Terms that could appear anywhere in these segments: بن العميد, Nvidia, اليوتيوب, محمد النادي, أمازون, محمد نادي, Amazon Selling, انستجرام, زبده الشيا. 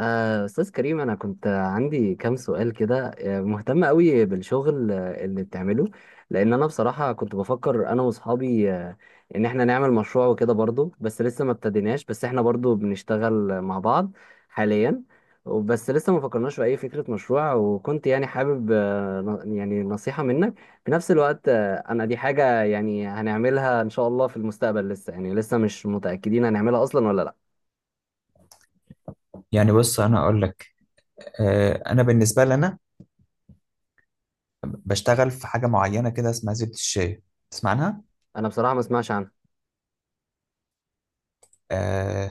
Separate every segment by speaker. Speaker 1: أستاذ كريم، أنا كنت عندي كام سؤال كده، مهتم قوي بالشغل اللي بتعمله. لأن أنا بصراحة كنت بفكر أنا وأصحابي، إن إحنا نعمل مشروع وكده برضو، بس لسه ما ابتديناش. بس إحنا برضو بنشتغل مع بعض حاليا. بس لسه ما فكرناش في أي فكرة مشروع، وكنت يعني حابب يعني نصيحة منك. في نفس الوقت أنا دي حاجة يعني هنعملها إن شاء الله في المستقبل، لسه مش متأكدين هنعملها أصلا ولا لأ.
Speaker 2: يعني بص انا اقول لك. انا بالنسبه لي انا بشتغل في حاجه معينه كده اسمها زبده الشيا. تسمع عنها؟
Speaker 1: أنا بصراحة ما اسمعش عنها.
Speaker 2: آه،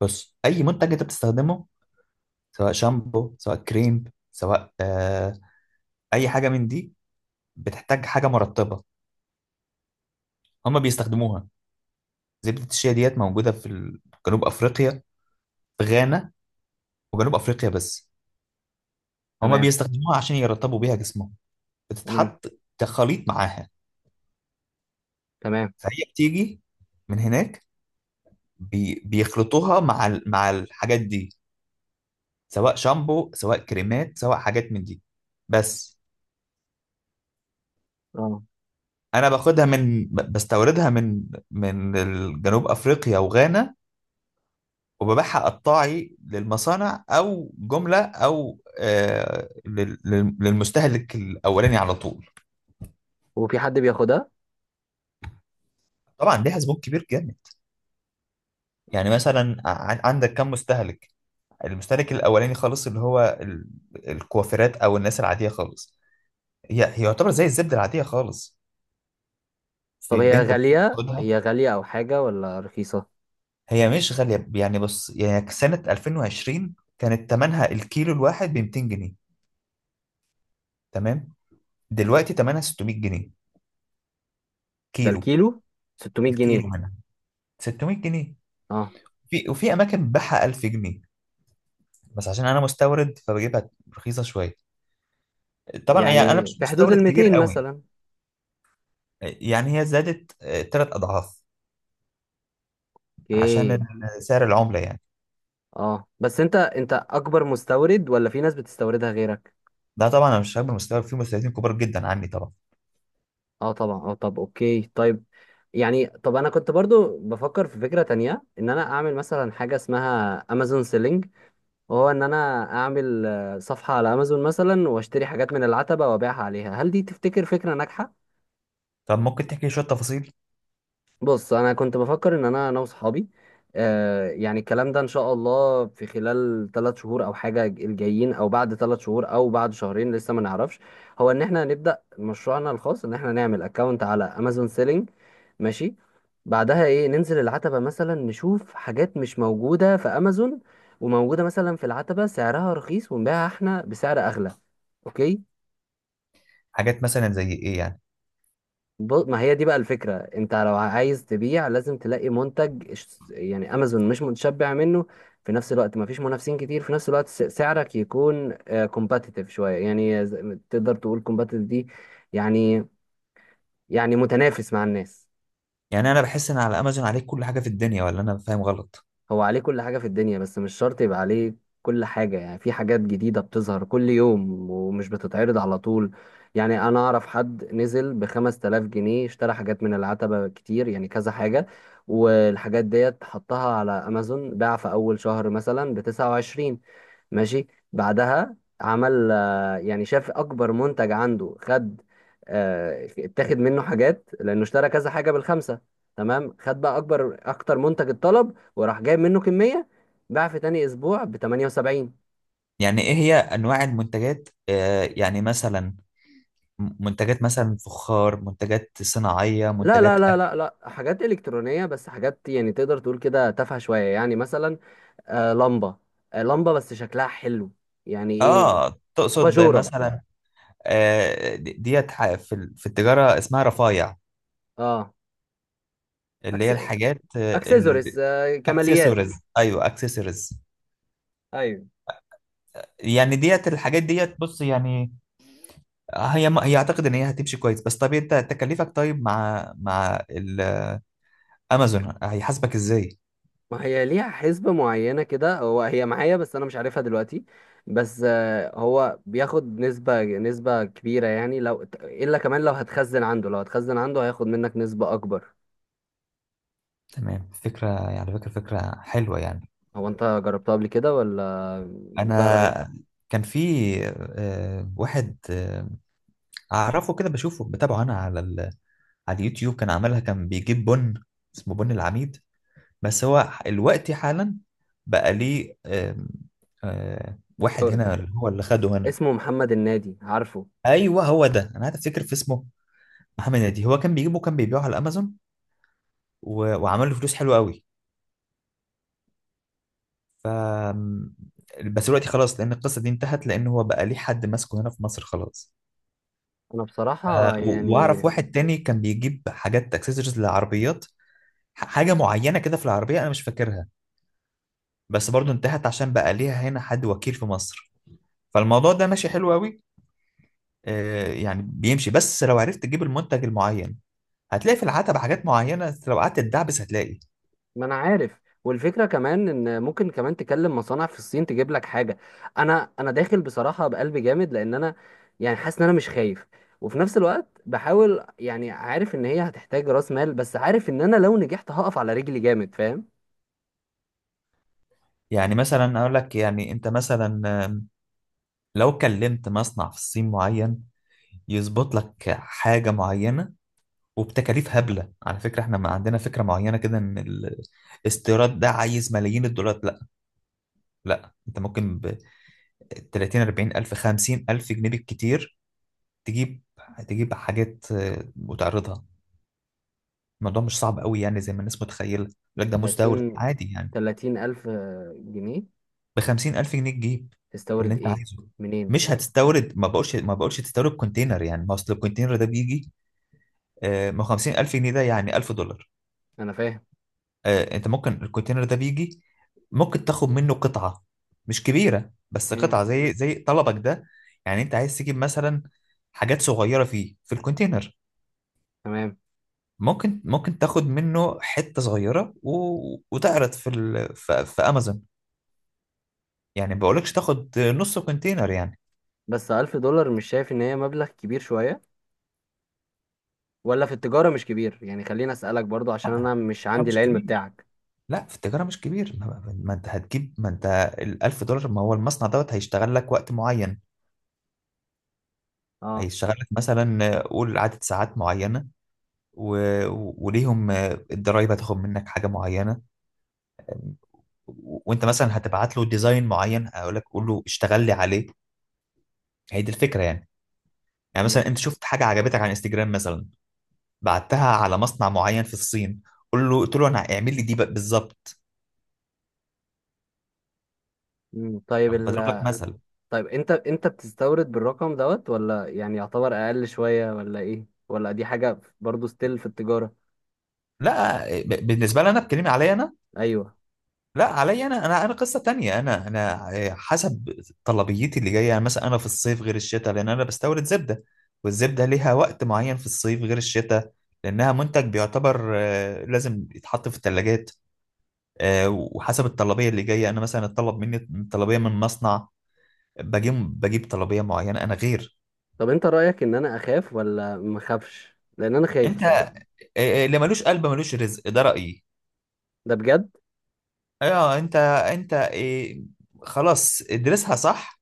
Speaker 2: بص، اي منتج انت بتستخدمه، سواء شامبو سواء كريم، سواء اي حاجه من دي، بتحتاج حاجه مرطبه، هما بيستخدموها. زبده الشيا ديت موجوده في جنوب افريقيا، في غانا وجنوب افريقيا بس. هما
Speaker 1: تمام.
Speaker 2: بيستخدموها عشان يرطبوا بيها جسمهم. بتتحط كخليط معاها.
Speaker 1: تمام.
Speaker 2: فهي بتيجي من هناك. بيخلطوها مع مع الحاجات دي، سواء شامبو، سواء كريمات، سواء حاجات من دي بس.
Speaker 1: اه.
Speaker 2: انا باخدها من بستوردها من جنوب افريقيا وغانا. وببيعها قطاعي للمصانع، او جمله، او للمستهلك الاولاني على طول.
Speaker 1: وفي حد بياخدها؟
Speaker 2: طبعا ليها زبون كبير جامد. يعني مثلا، عندك كم مستهلك. المستهلك الاولاني خالص، اللي هو الكوافيرات او الناس العاديه خالص. هي يعتبر زي الزبده العاديه خالص، في
Speaker 1: طب هي
Speaker 2: البنت ممكن
Speaker 1: غالية
Speaker 2: تاخدها.
Speaker 1: هي غالية أو حاجة، ولا رخيصة؟
Speaker 2: هي مش غالية. يعني بص، يعني سنة 2020 كانت تمنها الكيلو الواحد ب 200 جنيه. تمام. دلوقتي تمنها 600 جنيه
Speaker 1: ده
Speaker 2: كيلو.
Speaker 1: الكيلو 600 جنيه؟
Speaker 2: الكيلو منها 600 جنيه.
Speaker 1: اه،
Speaker 2: وفي أماكن بتبيعها 1000 جنيه، بس عشان أنا مستورد فبجيبها رخيصة شوية. طبعا يعني أنا
Speaker 1: يعني
Speaker 2: مش
Speaker 1: في حدود
Speaker 2: مستورد
Speaker 1: ال
Speaker 2: كبير
Speaker 1: 200
Speaker 2: قوي.
Speaker 1: مثلا.
Speaker 2: يعني هي زادت 3 أضعاف عشان
Speaker 1: اوكي.
Speaker 2: سعر العملة يعني.
Speaker 1: اه، بس انت اكبر مستورد ولا في ناس بتستوردها غيرك؟
Speaker 2: ده طبعا أنا مش هكبر مستورد، في مستوردين كبار جدا عني طبعا.
Speaker 1: اه طبعا. اه طب اوكي طيب. يعني طب انا كنت برضو بفكر في فكرة تانية، ان انا اعمل مثلا حاجة اسمها امازون سيلينج. وهو ان انا اعمل صفحة على امازون مثلا، واشتري حاجات من العتبة وابيعها عليها. هل دي تفتكر فكرة ناجحة؟
Speaker 2: طب ممكن تحكي شوية تفاصيل.
Speaker 1: بص، انا كنت بفكر ان انا واصحابي يعني الكلام ده ان شاء الله في خلال 3 شهور او حاجه الجايين، او بعد 3 شهور او بعد شهرين، لسه ما نعرفش. هو ان احنا هنبدا مشروعنا الخاص، ان احنا نعمل اكونت على امازون سيلينج. ماشي. بعدها ايه؟ ننزل العتبه مثلا، نشوف حاجات مش موجوده في امازون وموجوده مثلا في العتبه سعرها رخيص، ونبيعها احنا بسعر اغلى. اوكي.
Speaker 2: حاجات مثلا زي إيه يعني؟
Speaker 1: ما هي دي بقى الفكرة. انت لو عايز تبيع لازم تلاقي منتج، يعني امازون مش متشبع منه، في نفس الوقت ما فيش منافسين كتير، في نفس الوقت سعرك يكون كومباتيتيف شوية. يعني تقدر تقول كومباتيتيف دي، يعني، يعني متنافس مع الناس.
Speaker 2: يعني انا بحس ان على امازون عليك كل حاجه في الدنيا، ولا انا فاهم غلط؟
Speaker 1: هو عليه كل حاجة في الدنيا بس مش شرط يبقى عليه كل حاجة. يعني في حاجات جديدة بتظهر كل يوم ومش بتتعرض على طول. يعني أنا أعرف حد نزل ب 5000 جنيه، اشترى حاجات من العتبة كتير، يعني كذا حاجة، والحاجات ديت حطها على أمازون. باع في أول شهر مثلا ب 29. ماشي. بعدها عمل، يعني شاف أكبر منتج عنده، خد اتاخد منه حاجات، لأنه اشترى كذا حاجة بالخمسة. تمام. خد بقى أكتر منتج اتطلب، وراح جايب منه كمية. باع في تاني اسبوع ب 78.
Speaker 2: يعني ايه هي انواع المنتجات؟ يعني مثلا، منتجات مثلا فخار، منتجات صناعيه،
Speaker 1: لا لا
Speaker 2: منتجات
Speaker 1: لا
Speaker 2: اكل.
Speaker 1: لا لا، حاجات الكترونية بس، حاجات يعني تقدر تقول كده تافهة شوية. يعني مثلا، آه لمبة لمبة بس شكلها حلو. يعني ايه؟
Speaker 2: اه تقصد
Speaker 1: اباجورة.
Speaker 2: مثلا. ديت، في في التجاره اسمها رفايع،
Speaker 1: اه.
Speaker 2: اللي هي
Speaker 1: أكس...
Speaker 2: الحاجات
Speaker 1: اكسسوارز، كماليات.
Speaker 2: الاكسسوارز. ايوه، اكسسوارز.
Speaker 1: ايوه.
Speaker 2: يعني ديت الحاجات ديت، بص يعني، هي اعتقد ان هي هتمشي كويس. بس طب، انت تكلفك، طيب، مع امازون هيحاسبك ازاي؟
Speaker 1: ما هي ليها حسبة معينة كده، هو هي معايا بس انا مش عارفها دلوقتي. بس هو بياخد نسبة كبيرة. يعني لو الا كمان، لو هتخزن عنده هياخد منك نسبة اكبر.
Speaker 2: تمام. فكرة، يعني على فكرة فكرة حلوة يعني.
Speaker 1: هو انت جربتها قبل كده ولا؟ ده رايك؟
Speaker 2: أنا، كان في واحد أعرفه كده بشوفه بتابعه أنا على اليوتيوب. كان عملها، كان بيجيب بن. اسمه بن العميد. بس هو الوقت حالا بقى ليه. آم، آه، واحد
Speaker 1: مستورد
Speaker 2: هنا، اللي هو اللي خده هنا.
Speaker 1: اسمه محمد النادي، عارفه؟
Speaker 2: أيوه هو ده، أنا قاعد أفتكر في اسمه. محمد نادي، هو كان بيجيبه كان بيبيعه على أمازون، وعمل له فلوس حلوة قوي. ف بس دلوقتي خلاص، لان القصه دي انتهت، لان هو بقى ليه حد ماسكه هنا في مصر خلاص.
Speaker 1: انا
Speaker 2: ف-
Speaker 1: بصراحة يعني،
Speaker 2: واعرف واحد تاني كان بيجيب حاجات اكسسوارز للعربيات، حاجه معينه كده في العربيه انا مش فاكرها. بس برضو انتهت عشان بقى ليها هنا حد وكيل في مصر. فالموضوع ده ماشي حلو قوي. يعني بيمشي، بس لو عرفت تجيب المنتج المعين هتلاقي في العتبة حاجات معينه. لو قعدت تدعبس هتلاقي.
Speaker 1: ما انا عارف. والفكرة كمان ان ممكن كمان تكلم مصانع في الصين تجيب لك حاجة. انا داخل بصراحة بقلب جامد، لان انا يعني حاسس ان انا مش خايف. وفي نفس الوقت بحاول، يعني عارف ان هي هتحتاج راس مال، بس عارف ان انا لو نجحت هقف على رجلي جامد، فاهم؟
Speaker 2: يعني مثلا اقول لك، يعني انت مثلا لو كلمت مصنع في الصين معين، يظبط لك حاجة معينة وبتكاليف هبلة. على فكرة، احنا ما عندنا فكرة معينة كده ان الاستيراد ده عايز ملايين الدولارات، لا. لا، انت ممكن ب 30 40 ألف 50 ألف جنيه بالكتير تجيب، حاجات وتعرضها. الموضوع مش صعب قوي يعني زي ما الناس متخيلة لك، ده مستورد
Speaker 1: 30.
Speaker 2: عادي يعني.
Speaker 1: 30 الف جنيه؟
Speaker 2: ب 50 ألف جنيه تجيب اللي
Speaker 1: تستورد
Speaker 2: انت
Speaker 1: ايه؟
Speaker 2: عايزه.
Speaker 1: منين؟
Speaker 2: مش هتستورد، ما بقولش، تستورد كونتينر يعني، ما اصل الكونتينر ده بيجي. ما هو 50,000 جنيه ده يعني 1000 دولار.
Speaker 1: انا فاهم.
Speaker 2: انت ممكن الكونتينر ده بيجي، ممكن تاخد منه قطعة مش كبيرة، بس
Speaker 1: مم.
Speaker 2: قطعة زي طلبك ده. يعني انت عايز تجيب مثلا حاجات صغيرة فيه في الكونتينر.
Speaker 1: تمام.
Speaker 2: ممكن تاخد منه حتة صغيرة وتعرض في امازون. يعني ما بقولكش تاخد نص كونتينر يعني.
Speaker 1: بس 1000 دولار، مش شايف ان هي مبلغ كبير شوية، ولا في التجارة مش كبير يعني؟ خليني اسألك برضو عشان انا مش
Speaker 2: التجارة
Speaker 1: عندي
Speaker 2: مش
Speaker 1: العلم
Speaker 2: كبير.
Speaker 1: بتاعك.
Speaker 2: لا، في التجارة مش كبير. ما انت هتجيب، ما انت ال 1000 دولار، ما هو المصنع دوت هيشتغل لك وقت معين.
Speaker 1: اه.
Speaker 2: هيشتغل لك مثلا، قول عدد ساعات معينة. و... وليهم الضرايب هتاخد منك حاجة معينة. وانت مثلا هتبعت له ديزاين معين، هقول لك قول له اشتغل لي عليه. هي دي الفكرة يعني. يعني
Speaker 1: م-
Speaker 2: مثلا انت شفت حاجة عجبتك على انستجرام مثلا، بعتها على مصنع معين في الصين، قول له، قلت له انا اعمل لي دي بالظبط.
Speaker 1: م. طيب
Speaker 2: أنا بضرب لك مثل.
Speaker 1: انت بتستورد بالرقم دوت، ولا يعني يعتبر اقل شوية، ولا ايه، ولا دي حاجة برضو ستيل في التجارة؟
Speaker 2: لا، بالنسبة لي انا، بكلمي عليا انا.
Speaker 1: ايوه.
Speaker 2: لا، علي انا قصه تانية. انا انا حسب طلبيتي اللي جايه، يعني مثلا انا في الصيف غير الشتاء، لان انا بستورد زبده، والزبده ليها وقت معين في الصيف غير الشتاء، لانها منتج بيعتبر لازم يتحط في الثلاجات. وحسب الطلبيه اللي جايه انا، مثلا اتطلب مني طلبيه من مصنع، بجيب بجيب طلبيه معينه انا غير.
Speaker 1: طب انت رأيك ان انا اخاف ولا مخافش؟ لان انا خايف
Speaker 2: انت
Speaker 1: بصراحة.
Speaker 2: اللي ملوش قلب ملوش رزق، ده رايي.
Speaker 1: ده بجد؟
Speaker 2: اه، انت خلاص، ادرسها صح.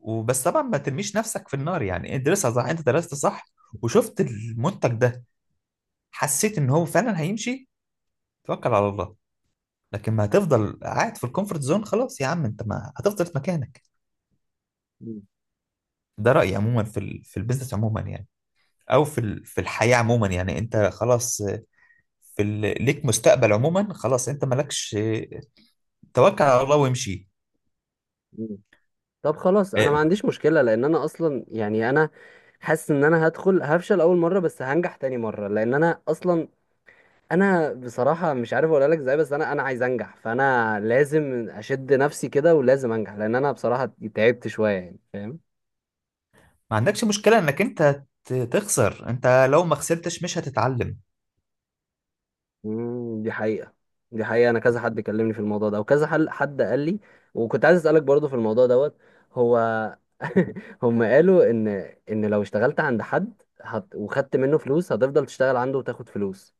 Speaker 2: وبس طبعا ما ترميش نفسك في النار، يعني ادرسها صح. انت درست صح وشفت المنتج ده، حسيت ان هو فعلا هيمشي، توكل على الله. لكن ما هتفضل قاعد في الكومفورت زون، خلاص يا عم، انت ما هتفضل في مكانك.
Speaker 1: م-
Speaker 2: ده رأيي عموما في في البيزنس عموما يعني، او في في الحياة عموما يعني. انت خلاص، في ليك مستقبل عموما، خلاص انت مالكش، توكل على الله وامشي.
Speaker 1: م. طب خلاص انا ما
Speaker 2: إيه،
Speaker 1: عنديش مشكلة، لان انا اصلا يعني انا حاسس ان انا هدخل هفشل اول مره، بس هنجح تاني مره، لان انا اصلا، انا بصراحه مش عارف اقول لك ازاي، بس انا عايز انجح. فانا لازم اشد نفسي كده، ولازم انجح، لان انا بصراحه تعبت شويه، يعني فاهم؟
Speaker 2: ما عندكش مشكلة انك انت تخسر. انت لو ما خسرتش مش هتتعلم.
Speaker 1: دي حقيقه. دي حقيقه، انا كذا حد كلمني في الموضوع ده، وكذا حل حد قال لي. وكنت عايز اسالك برضو في الموضوع دوت. هو هم قالوا ان لو اشتغلت عند حد وخدت منه فلوس، هتفضل تشتغل عنده وتاخد فلوس.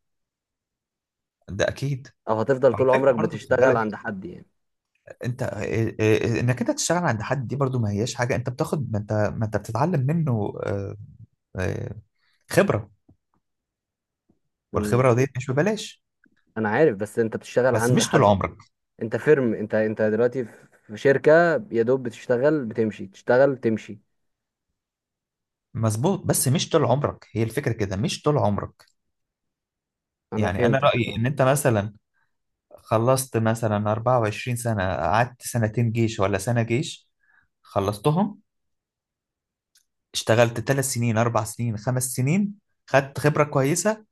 Speaker 2: ده اكيد.
Speaker 1: او هتفضل
Speaker 2: وعلى
Speaker 1: طول عمرك
Speaker 2: فكرة برضه خد
Speaker 1: بتشتغل
Speaker 2: بالك،
Speaker 1: عند حد يعني.
Speaker 2: انت انك انت تشتغل عند حد دي برضو ما هياش حاجه. انت بتاخد، ما انت بتتعلم منه آه، خبره.
Speaker 1: مم.
Speaker 2: والخبره دي مش ببلاش.
Speaker 1: انا عارف، بس انت بتشتغل
Speaker 2: بس
Speaker 1: عند
Speaker 2: مش طول
Speaker 1: حد.
Speaker 2: عمرك.
Speaker 1: انت فيرم، انت دلوقتي في شركة، يا دوب بتشتغل بتمشي، تشتغل تمشي.
Speaker 2: مظبوط، بس مش طول عمرك، هي الفكره كده، مش طول عمرك.
Speaker 1: انا
Speaker 2: يعني انا
Speaker 1: فهمتك
Speaker 2: رايي
Speaker 1: اه.
Speaker 2: ان انت مثلا خلصت مثلا 24 سنه، قعدت سنتين جيش ولا سنه جيش، خلصتهم، اشتغلت 3 سنين 4 سنين 5 سنين، خدت خبره كويسه.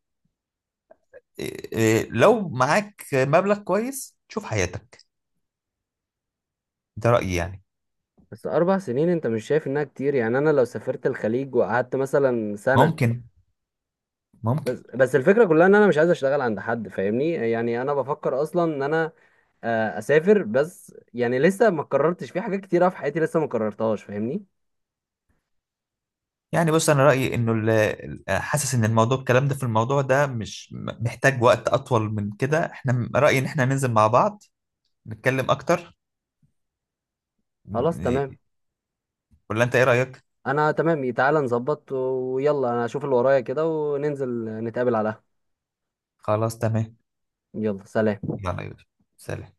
Speaker 2: إيه- إيه، لو معاك مبلغ كويس تشوف حياتك. ده رايي يعني.
Speaker 1: بس 4 سنين انت مش شايف انها كتير؟ يعني انا لو سافرت الخليج وقعدت مثلا سنة.
Speaker 2: ممكن ممكن.
Speaker 1: بس الفكرة كلها ان انا مش عايز اشتغل عند حد، فاهمني؟ يعني انا بفكر اصلا ان انا اسافر بس، يعني لسه ما قررتش في حاجات كتيرة في حياتي لسه ما قررتهاش، فاهمني؟
Speaker 2: يعني بص، انا رايي انه حاسس ان الموضوع، الكلام ده، في الموضوع ده، مش محتاج وقت اطول من كده. احنا رايي ان احنا ننزل مع بعض نتكلم اكتر.
Speaker 1: خلاص
Speaker 2: م-
Speaker 1: تمام.
Speaker 2: ولا انت ايه رايك؟
Speaker 1: انا تمام، تعالى نظبط. ويلا انا اشوف اللي ورايا كده وننزل نتقابل على القهوة.
Speaker 2: خلاص تمام.
Speaker 1: يلا سلام.
Speaker 2: يلا يا يوسف. سلام.